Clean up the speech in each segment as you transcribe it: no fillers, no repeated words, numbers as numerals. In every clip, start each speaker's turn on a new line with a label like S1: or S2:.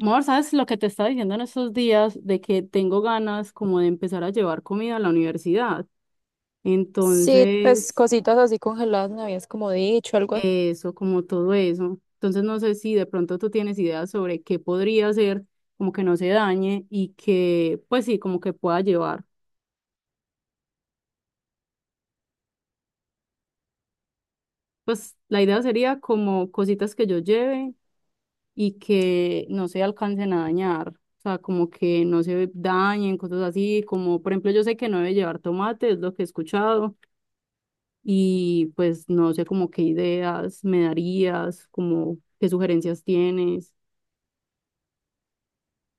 S1: Amor, ¿sabes lo que te estaba diciendo en estos días de que tengo ganas como de empezar a llevar comida a la universidad?
S2: Sí, pues
S1: Entonces,
S2: cositas así congeladas me habías como dicho, algo.
S1: eso, como todo eso. Entonces, no sé si de pronto tú tienes ideas sobre qué podría hacer, como que no se dañe y que, pues sí, como que pueda llevar. Pues la idea sería como cositas que yo lleve y que no se alcancen a dañar. O sea, como que no se dañen, cosas así, como por ejemplo, yo sé que no debe llevar tomate, es lo que he escuchado y pues no sé como qué ideas me darías, como qué sugerencias tienes.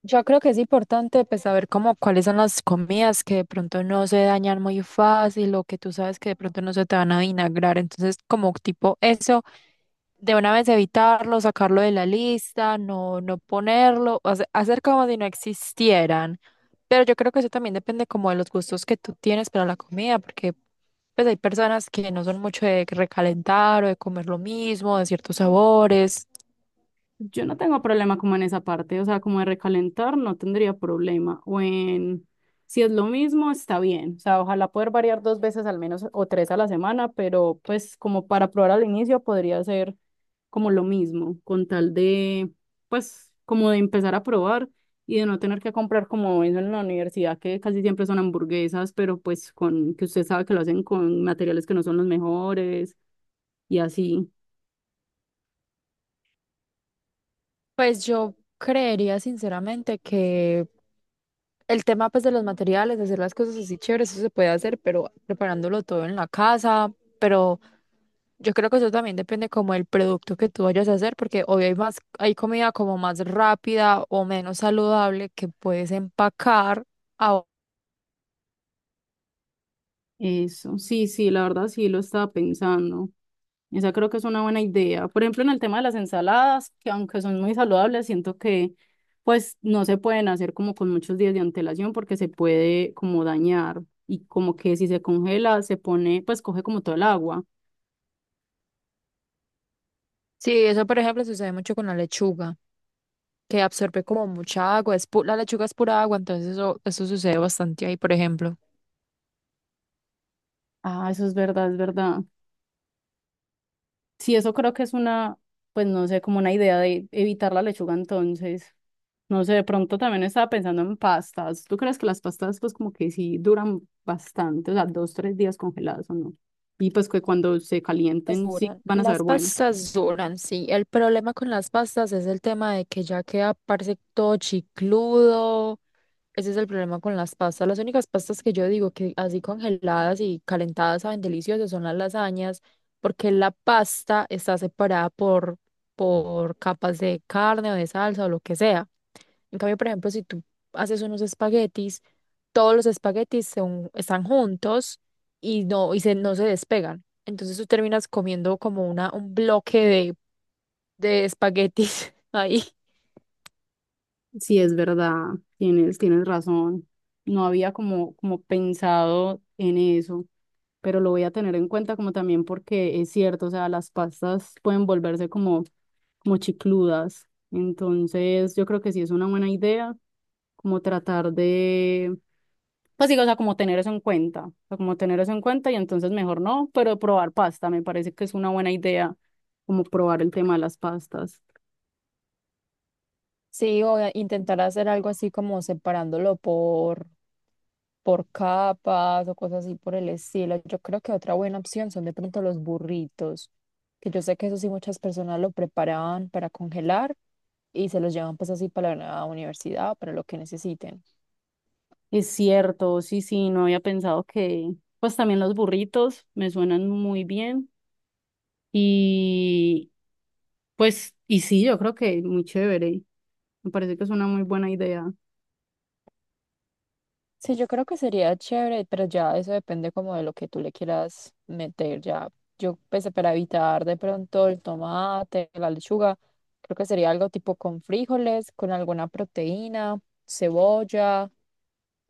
S2: Yo creo que es importante pues saber cómo cuáles son las comidas que de pronto no se dañan muy fácil o que tú sabes que de pronto no se te van a vinagrar. Entonces, como tipo eso, de una vez evitarlo, sacarlo de la lista, no, no ponerlo, hacer como si no existieran. Pero yo creo que eso también depende como de los gustos que tú tienes para la comida, porque pues hay personas que no son mucho de recalentar o de comer lo mismo, de ciertos sabores.
S1: Yo no tengo problema como en esa parte, o sea, como de recalentar no tendría problema. O en, si es lo mismo, está bien. O sea, ojalá poder variar dos veces al menos o tres a la semana, pero pues como para probar al inicio podría ser como lo mismo, con tal de, pues como de empezar a probar y de no tener que comprar como eso en la universidad, que casi siempre son hamburguesas, pero pues con, que usted sabe que lo hacen con materiales que no son los mejores y así.
S2: Pues yo creería sinceramente que el tema pues de los materiales, hacer las cosas así chéveres, eso se puede hacer, pero preparándolo todo en la casa, pero yo creo que eso también depende como del producto que tú vayas a hacer, porque hoy hay más, hay comida como más rápida o menos saludable que puedes empacar. a-
S1: Eso, sí, sí, la verdad sí lo estaba pensando. Esa creo que es una buena idea. Por ejemplo, en el tema de las ensaladas, que aunque son muy saludables, siento que pues no se pueden hacer como con muchos días de antelación porque se puede como dañar y como que si se congela se pone, pues coge como todo el agua.
S2: Sí, eso por ejemplo sucede mucho con la lechuga, que absorbe como mucha agua, es la lechuga es pura agua, entonces eso sucede bastante ahí, por ejemplo.
S1: Ah, eso es verdad, es verdad. Sí, eso creo que es una, pues no sé, como una idea de evitar la lechuga entonces. No sé, de pronto también estaba pensando en pastas. ¿Tú crees que las pastas pues como que sí duran bastante, o sea, dos, tres días congeladas o no? Y pues que cuando se
S2: Las
S1: calienten sí
S2: duran,
S1: van a
S2: las
S1: saber bueno.
S2: pastas duran, sí. El problema con las pastas es el tema de que ya queda, parece todo chicludo. Ese es el problema con las pastas. Las únicas pastas que yo digo que así congeladas y calentadas saben deliciosas son las lasañas, porque la pasta está separada por, capas de carne o de salsa o lo que sea. En cambio, por ejemplo, si tú haces unos espaguetis, todos los espaguetis están juntos y no, y se, no se despegan. Entonces tú terminas comiendo como una, un bloque de, espaguetis ahí.
S1: Sí, es verdad, tienes razón. No había como, como pensado en eso, pero lo voy a tener en cuenta como también porque es cierto, o sea, las pastas pueden volverse como como chicludas. Entonces, yo creo que sí es una buena idea, como tratar de, pues digo, o sea, como tener eso en cuenta, o sea, como tener eso en cuenta y entonces mejor no, pero probar pasta, me parece que es una buena idea, como probar el tema de las pastas.
S2: Sí, o a intentar hacer algo así como separándolo por capas o cosas así por el estilo. Yo creo que otra buena opción son de pronto los burritos, que yo sé que eso sí muchas personas lo preparaban para congelar y se los llevan pues así para la universidad, para lo que necesiten.
S1: Es cierto, sí, sí, no había pensado que, pues también los burritos me suenan muy bien y pues, y sí, yo creo que muy chévere, me parece que es una muy buena idea.
S2: Sí, yo creo que sería chévere, pero ya eso depende como de lo que tú le quieras meter. Ya, yo pensé para evitar de pronto el tomate, la lechuga, creo que sería algo tipo con frijoles, con alguna proteína, cebolla,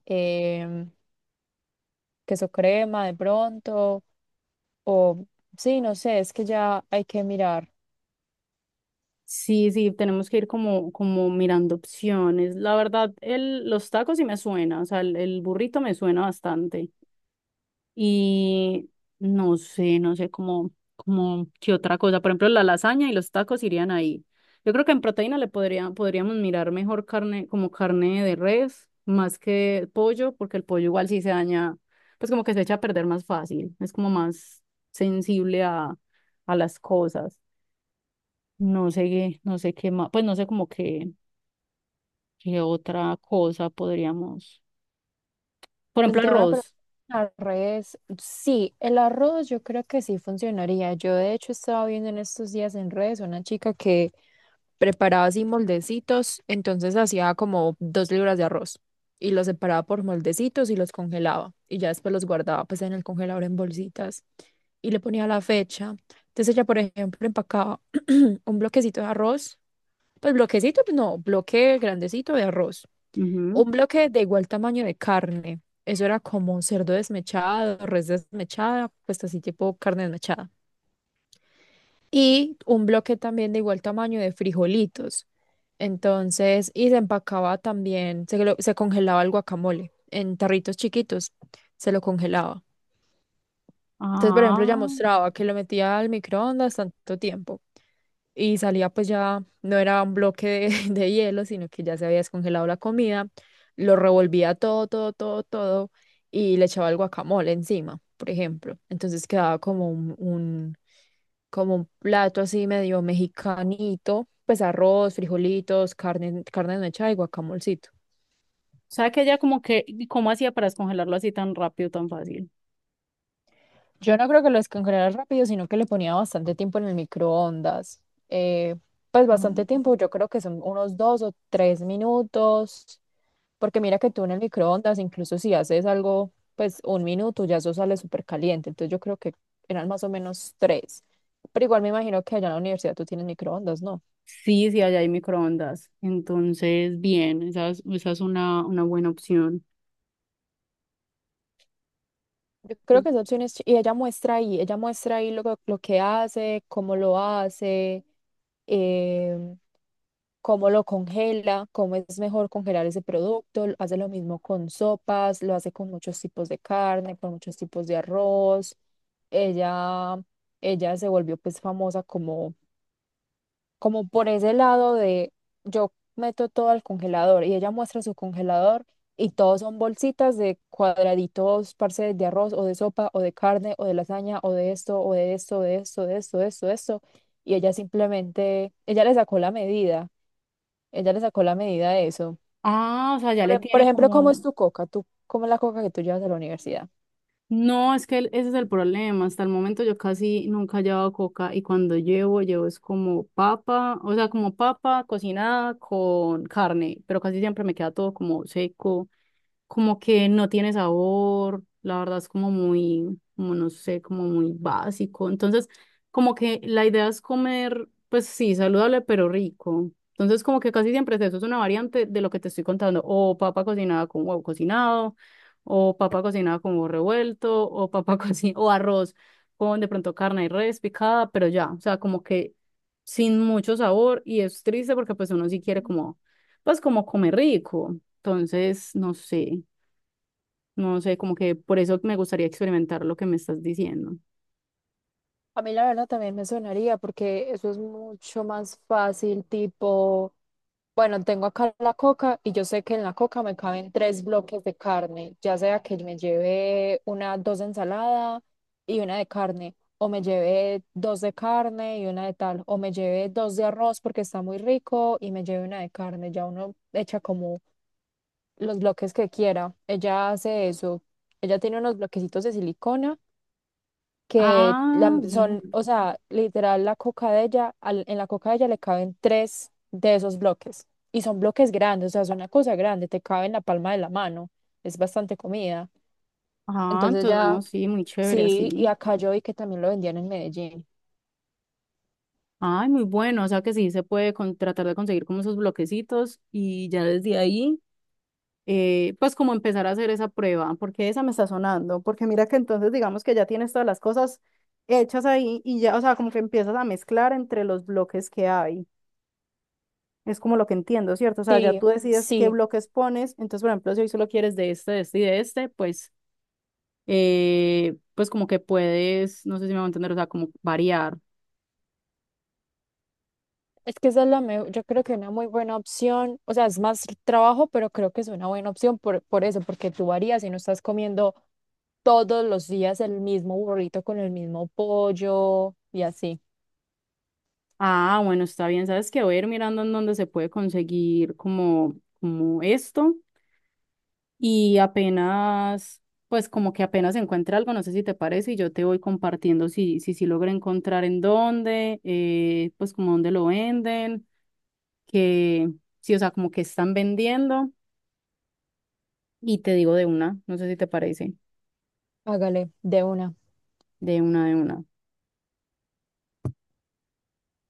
S2: em, queso crema de pronto, o sí, no sé, es que ya hay que mirar.
S1: Sí, sí, tenemos que ir como, como mirando opciones. La verdad, el, los tacos sí me suena, o sea, el burrito me suena bastante. Y no sé, no sé cómo, cómo, qué otra cosa. Por ejemplo, la lasaña y los tacos irían ahí. Yo creo que en proteína le podría, podríamos mirar mejor carne, como carne de res, más que pollo, porque el pollo igual sí se daña, pues como que se echa a perder más fácil, es como más sensible a las cosas. No sé, qué- no sé qué más, pues no sé como que, qué otra cosa podríamos. Por
S2: El
S1: ejemplo,
S2: tema de
S1: arroz.
S2: preparar arroz, sí, el arroz yo creo que sí funcionaría. Yo de hecho estaba viendo en estos días en redes una chica que preparaba así moldecitos, entonces hacía como 2 libras de arroz y los separaba por moldecitos y los congelaba y ya después los guardaba pues en el congelador en bolsitas y le ponía la fecha. Entonces ella, por ejemplo, empacaba un bloquecito de arroz, pues bloquecito, pues, no, bloque grandecito de arroz.
S1: Ujú.
S2: Un bloque de igual tamaño de carne. Eso era como cerdo desmechado, res desmechada, pues así tipo carne desmechada. Y un bloque también de igual tamaño de frijolitos. Entonces, y se empacaba también, se, se congelaba el guacamole en tarritos chiquitos, se lo congelaba. Entonces, por
S1: Ah,
S2: ejemplo, ya
S1: o
S2: mostraba que lo metía al microondas tanto tiempo y salía pues ya, no era un bloque de, de hielo, sino que ya se había descongelado la comida, lo revolvía todo, todo, todo, todo y le echaba el guacamole encima, por ejemplo. Entonces quedaba como como un plato así medio mexicanito, pues arroz, frijolitos, carne, carne mechada y guacamolcito.
S1: sea que ella como que, ¿y ¿cómo hacía para descongelarlo así tan rápido, tan fácil?
S2: Yo no creo que lo descongelara rápido, sino que le ponía bastante tiempo en el microondas. Eh, pues
S1: Ah,
S2: bastante tiempo, yo creo que son unos 2 o 3 minutos, porque mira que tú en el microondas, incluso si haces algo, pues 1 minuto, ya eso sale súper caliente. Entonces yo creo que eran más o menos tres. Pero igual me imagino que allá en la universidad tú tienes microondas, ¿no?
S1: Sí, sí, allá hay microondas. Entonces, bien, esa es una buena opción.
S2: Yo creo que esa opción es, y ella muestra ahí lo, lo que hace, cómo lo hace, em, cómo lo congela, cómo es mejor congelar ese producto, hace lo mismo con sopas, lo hace con muchos tipos de carne, con muchos tipos de arroz. Ella, ella se volvió pues famosa como por ese lado de yo meto todo al congelador y ella muestra su congelador y todos son bolsitas de cuadraditos, parce, de arroz o de sopa o de carne o de lasaña o de esto, de esto, de esto, de esto, de esto. Y ella simplemente, ella le sacó la medida, ella le sacó la medida de eso.
S1: Ah, o sea, ya
S2: Por,
S1: le
S2: e- por
S1: tiene
S2: ejemplo, ¿cómo es
S1: como,
S2: tu coca? ¿Tú, cómo es la coca que tú llevas a la universidad?
S1: No, es que el- ese es el problema. Hasta el momento yo casi nunca he llevado coca y cuando llevo, llevo es como papa, o sea, como papa cocinada con carne, pero casi siempre me queda todo como seco como que no tiene sabor, la verdad es como muy, como no sé, como muy básico. Entonces, como que la idea es comer, pues sí, saludable, pero rico. Entonces, como que casi siempre es eso, es una variante de lo que te estoy contando, o papa cocinada con huevo cocinado, o papa cocinada con huevo revuelto, o papa cocinada, o arroz con de pronto carne y res picada, pero ya, o sea, como que sin mucho sabor, y es triste porque pues uno sí quiere como, pues como comer rico. Entonces, no sé, no sé, como que por eso me gustaría experimentar lo que me estás diciendo.
S2: A mí la verdad también me sonaría porque eso es mucho más fácil, tipo, bueno, tengo acá la coca y yo sé que en la coca me caben tres bloques de carne, ya sea que me lleve una, dos de ensalada y una de carne, o me lleve dos de carne y una de tal, o me lleve dos de arroz porque está muy rico y me lleve una de carne, ya uno echa como los bloques que quiera. Ella hace eso, ella tiene unos bloquecitos de silicona que
S1: Ah, bien.
S2: son, o sea, literal la coca de ella, en la coca de ella le caben tres de esos bloques. Y son bloques grandes, o sea, es una cosa grande, te cabe en la palma de la mano, es bastante comida.
S1: Ah,
S2: Entonces
S1: entonces
S2: ya,
S1: no, sí, muy chévere,
S2: sí, y
S1: así.
S2: acá yo vi que también lo vendían en Medellín.
S1: Ay, muy bueno. O sea que sí se puede con- tratar de conseguir como esos bloquecitos y ya desde ahí, pues como empezar a hacer esa prueba, porque esa me está sonando. Porque mira que entonces digamos que ya tienes todas las cosas hechas ahí y ya, o sea, como que empiezas a mezclar entre los bloques que hay. Es como lo que entiendo, ¿cierto? O sea, ya
S2: Sí,
S1: tú decides qué
S2: sí.
S1: bloques pones. Entonces, por ejemplo, si hoy solo quieres de este y de este, pues, pues como que puedes, no sé si me va a entender, o sea, como variar.
S2: Es que esa es la mejor, yo creo que una muy buena opción, o sea, es más trabajo, pero creo que es una buena opción por, eso, porque tú varías y no estás comiendo todos los días el mismo burrito con el mismo pollo y así.
S1: Ah, bueno, está bien. Sabes que voy a ir mirando en dónde se puede conseguir como, como esto y apenas, pues como que apenas encuentre algo, no sé si te parece y yo te voy compartiendo si logro encontrar en dónde, pues como dónde lo venden, que, sí, o sea, como que están vendiendo. Y te digo de una, no sé si te parece,
S2: Hágale, de una.
S1: de una, de una.